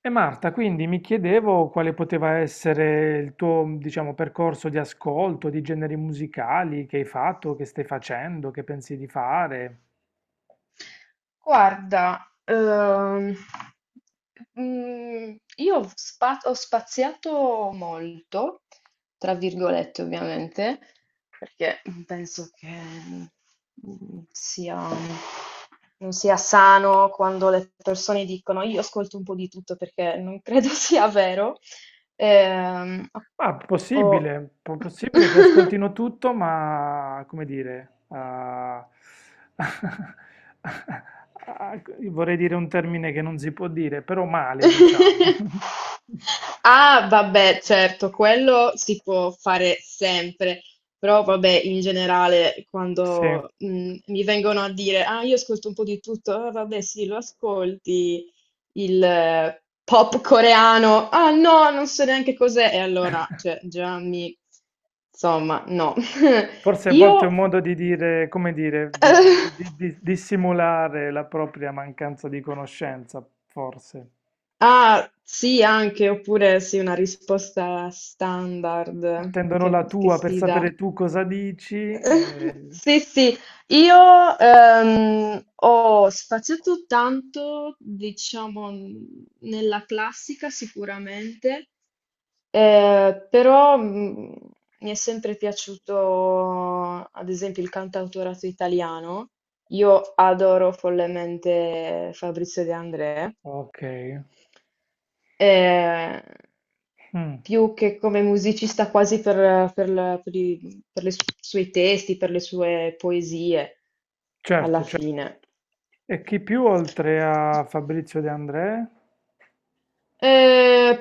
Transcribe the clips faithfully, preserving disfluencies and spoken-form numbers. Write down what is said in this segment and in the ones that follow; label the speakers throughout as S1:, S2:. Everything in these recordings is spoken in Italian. S1: E Marta, quindi mi chiedevo quale poteva essere il tuo, diciamo, percorso di ascolto, di generi musicali che hai fatto, che stai facendo, che pensi di fare.
S2: Guarda, ehm, mm, io ho spa- ho spaziato molto, tra virgolette ovviamente, perché penso che mm, sia, non sia sano quando le persone dicono io ascolto un po' di tutto perché non credo sia vero. Ehm,
S1: Ma
S2: ho
S1: possibile, po- possibile che ascoltino tutto, ma come dire, ah, ah, vorrei dire un termine che non si può dire, però male, diciamo.
S2: Ah, vabbè, certo, quello si può fare sempre, però vabbè, in generale,
S1: Sì.
S2: quando mh, mi vengono a dire, ah, io ascolto un po' di tutto, ah, vabbè, sì, lo ascolti, il eh, pop coreano, ah, no, non so neanche cos'è, e allora, cioè, già mi, insomma, no.
S1: Forse a volte è un
S2: Io,
S1: modo di dire, come dire, di, di- di- di- di simulare la propria mancanza di conoscenza, forse.
S2: ah, sì, anche, oppure sì, una risposta standard
S1: Attendono la
S2: che, che
S1: tua per
S2: si dà.
S1: sapere tu cosa dici. eh,
S2: Sì, sì, io ehm, ho spaziato tanto, diciamo, n- nella classica sicuramente, eh, però mm, mi è sempre piaciuto, ad esempio, il cantautorato italiano. Io adoro follemente Fabrizio De André,
S1: Ok,
S2: eh,
S1: Mm,
S2: più che come musicista quasi per, per la- per i per le su- suoi testi, per le sue poesie, alla
S1: certo, certo.
S2: fine.
S1: E chi più oltre a Fabrizio De André?
S2: Eh,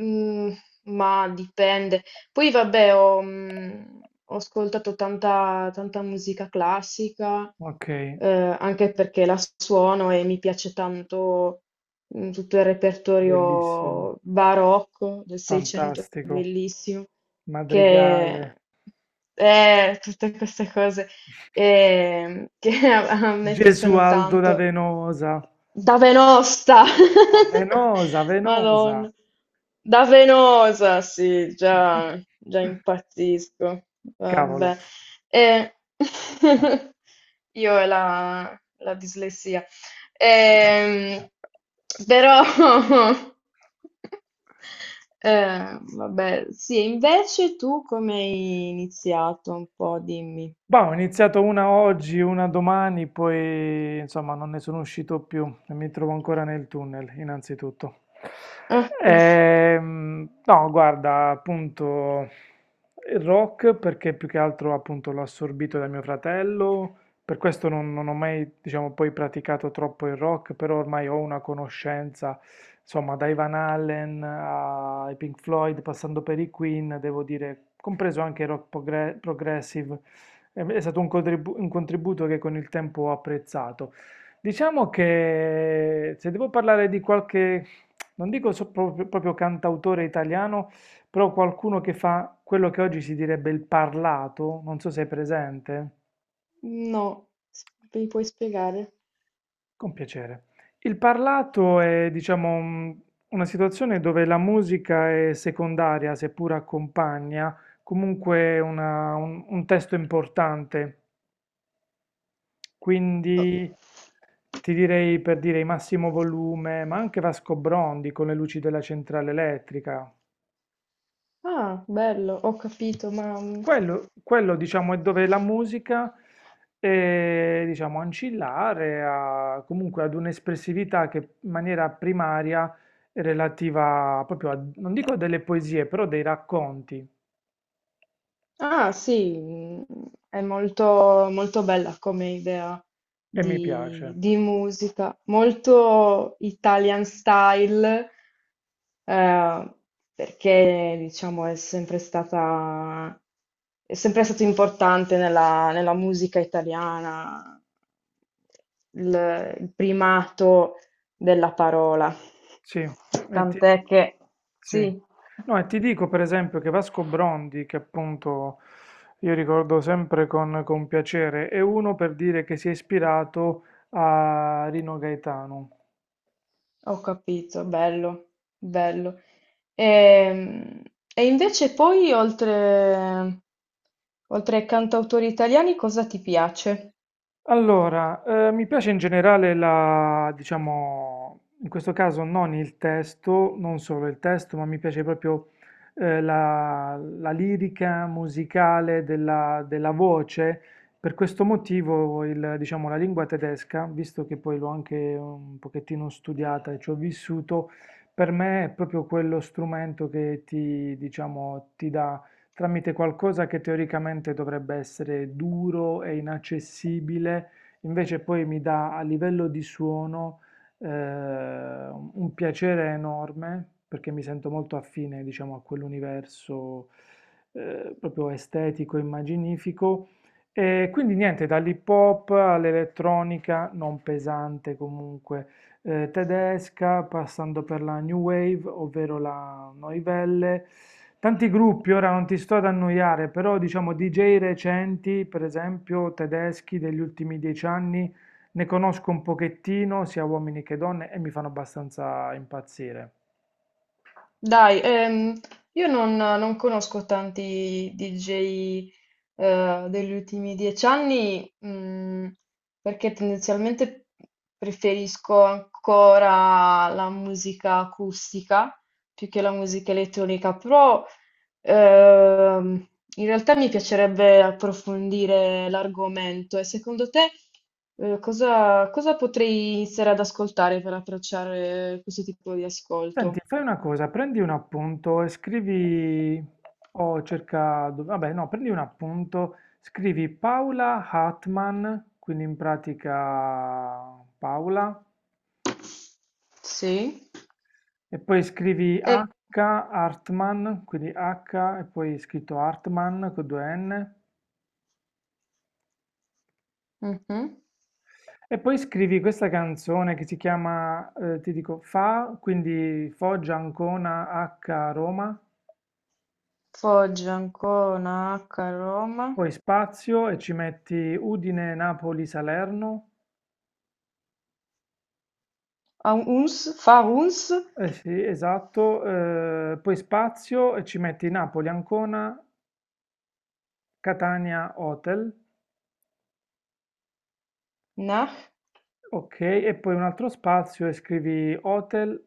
S2: Mm, ma dipende. Poi vabbè, ho, mm, ho ascoltato tanta, tanta musica classica,
S1: Ok,
S2: eh, anche perché la suono e mi piace tanto. Mm, tutto il
S1: bellissimo,
S2: repertorio barocco del Seicento, è
S1: fantastico.
S2: bellissimo,
S1: Madrigale,
S2: che è tutte queste cose ehm, che a a me piacciono
S1: Gesualdo da
S2: tanto.
S1: Venosa.
S2: Da Venosta!
S1: Ah, Venosa, Venosa.
S2: Madonna. Da Venosa, sì, già, già impazzisco.
S1: Cavolo.
S2: Vabbè. Eh, io e la, la dislessia. Ehm,
S1: Eh.
S2: però, eh, vabbè, sì, invece tu come hai iniziato? Un po', dimmi.
S1: Bah, ho iniziato una oggi, una domani, poi insomma non ne sono uscito più e mi trovo ancora nel tunnel, innanzitutto.
S2: Ah, quello.
S1: Ehm, no, guarda, appunto il rock perché più che altro appunto l'ho assorbito da mio fratello, per questo non, non ho mai, diciamo, poi praticato troppo il rock, però ormai ho una conoscenza, insomma, dai Van Halen ai Pink Floyd, passando per i Queen, devo dire, compreso anche il rock progre- progressive. È è stato un contribu- un contributo che con il tempo ho apprezzato. Diciamo che se devo parlare di qualche, non dico so- proprio, proprio cantautore italiano, però qualcuno che fa quello che oggi si direbbe il parlato, non so se è presente,
S2: No, S- mi puoi spiegare?
S1: con piacere. Il parlato è, diciamo, un- una situazione dove la musica è secondaria, seppur accompagna, comunque una- un un testo importante.
S2: Oh.
S1: Quindi ti direi per dire i massimo volume, ma anche Vasco Brondi con le luci della centrale elettrica.
S2: Ah, bello, ho capito, ma mm,
S1: Quello, quello, diciamo, è dove la musica è, diciamo, ancillare a- comunque ad un'espressività che in maniera primaria è relativa proprio a, non dico a delle poesie, però dei racconti,
S2: ah sì, mm, è molto, molto bella come idea
S1: e mi
S2: di,
S1: piace.
S2: di musica, molto Italian style, eh, perché diciamo è sempre stata, è sempre stato importante nella, nella musica italiana il il primato della parola.
S1: Sì, e ti,
S2: Tant'è che
S1: sì.
S2: sì,
S1: No, e ti dico per esempio che Vasco Brondi, che appunto io ricordo sempre con, con piacere, è uno per dire che si è ispirato a Rino Gaetano.
S2: ho capito, bello, bello. Ehm, E, invece poi, oltre, oltre ai cantautori italiani, cosa ti piace?
S1: Allora, eh, mi piace in generale la, diciamo, in questo caso non il testo, non solo il testo, ma mi piace proprio eh, la, la lirica musicale della, della voce. Per questo motivo, il, diciamo, la lingua tedesca, visto che poi l'ho anche un pochettino studiata e ci ho vissuto, per me è proprio quello strumento che ti, diciamo, ti dà tramite qualcosa che teoricamente dovrebbe essere duro e inaccessibile, invece poi mi dà a livello di suono eh, un piacere enorme perché mi sento molto affine, diciamo, a quell'universo eh, proprio estetico, immaginifico. E quindi niente, dall'hip hop all'elettronica, non pesante comunque, eh, tedesca, passando per la New Wave, ovvero la Noivelle. Tanti gruppi, ora non ti sto ad annoiare, però diciamo D J recenti, per esempio tedeschi degli ultimi dieci anni, ne conosco un pochettino, sia uomini che donne, e mi fanno abbastanza impazzire.
S2: Dai, ehm, io non, non conosco tanti D J, eh, degli ultimi dieci anni, mm, perché tendenzialmente preferisco ancora la musica acustica più che la musica elettronica, però ehm, in realtà mi piacerebbe approfondire l'argomento e secondo te, eh, cosa, cosa potrei iniziare ad ascoltare per approcciare questo tipo di
S1: Senti,
S2: ascolto?
S1: fai una cosa, prendi un appunto e scrivi, o cerca, dov- vabbè no, prendi un appunto, scrivi Paula Hartmann, quindi in pratica Paola.
S2: Sì,
S1: E poi scrivi
S2: e
S1: H Hartman, quindi H e poi scritto Hartman con due N.
S2: mhm.
S1: E poi scrivi questa canzone che si chiama, eh, ti dico, Fa, quindi Foggia, Ancona, H, Roma.
S2: Foggia, Ancona, Acca, Roma,
S1: Poi spazio e ci metti Udine, Napoli, Salerno.
S2: a Uns, fa Uns,
S1: Eh sì, esatto. eh, poi spazio e ci metti Napoli, Ancona, Catania, Hotel.
S2: nah,
S1: Ok, e poi un altro spazio e scrivi Hotel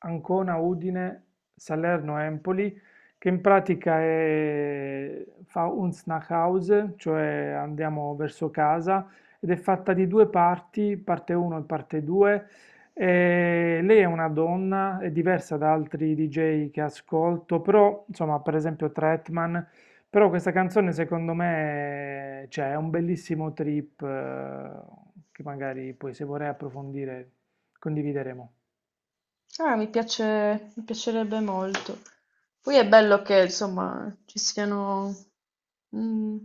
S1: Ancona Udine Salerno Empoli, che in pratica è, fa un Snackhouse, cioè andiamo verso casa, ed è fatta di due parti, parte uno e parte due. E lei è una donna, è diversa da altri D J che ascolto, però insomma, per esempio Tretman però questa canzone secondo me, cioè, è un bellissimo trip eh, che magari poi se vorrai approfondire condivideremo.
S2: ah, mi piace, mi piacerebbe molto. Poi è bello che, insomma, ci siano mm,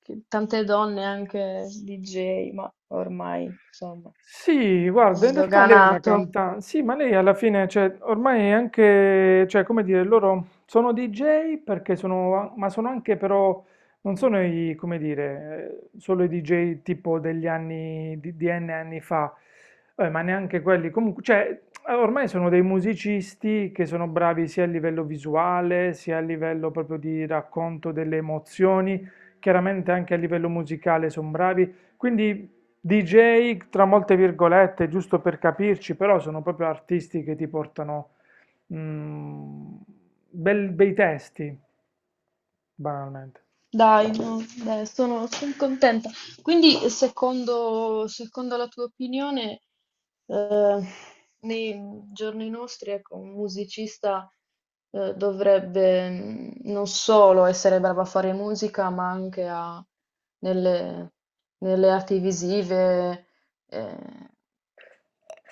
S2: che- tante donne anche D J, ma ormai, insomma,
S1: Sì, guarda, in realtà lei è una
S2: sdoganato.
S1: cantante, sì, ma lei alla fine, cioè, ormai è anche, cioè, come dire, loro sono D J perché sono, ma sono anche però, non sono i, come dire, eh, solo i D J tipo degli anni, di, di N anni fa, eh, ma neanche quelli, comunque, cioè, ormai sono dei musicisti che sono bravi sia a livello visuale, sia a livello proprio di racconto delle emozioni, chiaramente anche a livello musicale sono bravi, quindi D J tra molte virgolette, giusto per capirci, però sono proprio artisti che ti portano mm, bel- bei testi, banalmente.
S2: Dai, no, dai, sono, son contenta. Quindi, secondo, secondo la tua opinione, eh, nei giorni nostri, ecco, un musicista, eh, dovrebbe mm, non solo essere bravo a fare musica, ma anche a- nelle, nelle arti visive, eh,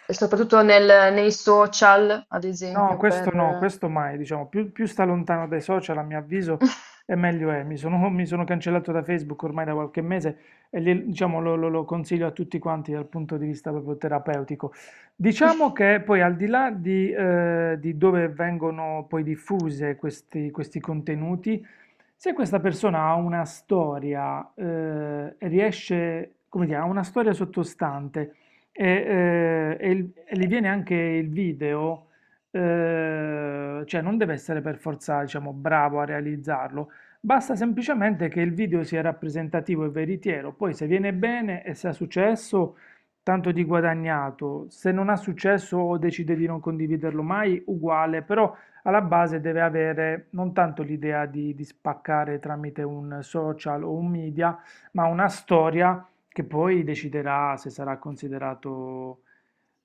S2: e soprattutto nel- nei social, ad
S1: No,
S2: esempio,
S1: questo no,
S2: per...
S1: questo mai, diciamo, più, più sta lontano dai social, a mio avviso, e meglio è. Mi sono, mi sono cancellato da Facebook ormai da qualche mese e li- diciamo, lo, lo- lo consiglio a tutti quanti dal punto di vista proprio terapeutico. Diciamo che poi al di là di, eh, di dove vengono poi diffuse questi questi contenuti. Se questa persona ha una storia, eh, riesce, come dire, ha una storia sottostante e, eh, e il- e gli viene anche il video, eh, cioè non deve essere per forza, diciamo, bravo a realizzarlo, basta semplicemente che il video sia rappresentativo e veritiero, poi se viene bene e se ha successo, tanto di guadagnato, se non ha successo o decide di non condividerlo mai, uguale, però alla base deve avere non tanto l'idea di, di spaccare tramite un social o un media, ma una storia che poi deciderà se sarà considerato,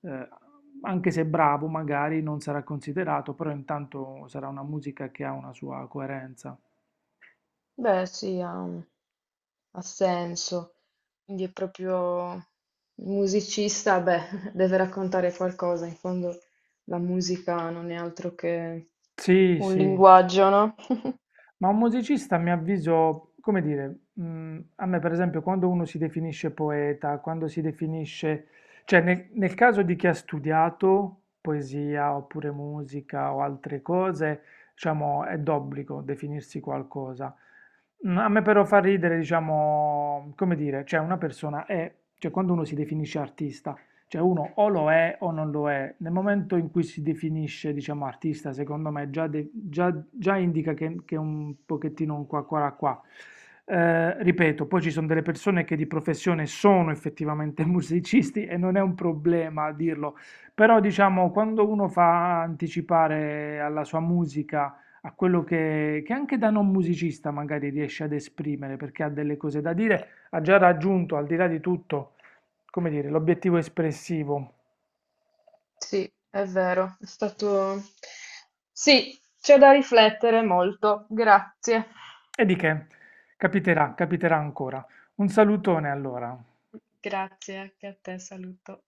S1: eh, anche se bravo, magari non sarà considerato, però intanto sarà una musica che ha una sua coerenza.
S2: Beh, sì, ha, ha senso. Quindi è proprio il musicista, beh, deve raccontare qualcosa. In fondo la musica non è altro che
S1: Sì,
S2: un
S1: sì.
S2: linguaggio, no?
S1: Ma un musicista, a mio avviso, come dire, mh, a me per esempio quando uno si definisce poeta, quando si definisce, cioè nel, nel caso di chi ha studiato poesia oppure musica o altre cose, diciamo, è d'obbligo definirsi qualcosa. Mm, A me però fa ridere, diciamo, come dire, cioè una persona è, cioè quando uno si definisce artista, cioè uno o lo è o non lo è. Nel momento in cui si definisce, diciamo, artista, secondo me già, de- già- già indica che, che è un pochettino un qua qua là, qua. Eh, ripeto, poi ci sono delle persone che di professione sono effettivamente musicisti e non è un problema dirlo, però diciamo quando uno fa anticipare alla sua musica a quello che, che anche da non musicista magari riesce ad esprimere perché ha delle cose da dire, ha già raggiunto al di là di tutto come dire, l'obiettivo espressivo.
S2: Sì, è vero, è stato... Sì, c'è da riflettere molto. Grazie.
S1: E di che? Capiterà, capiterà ancora. Un salutone allora.
S2: Grazie, anche a te, saluto.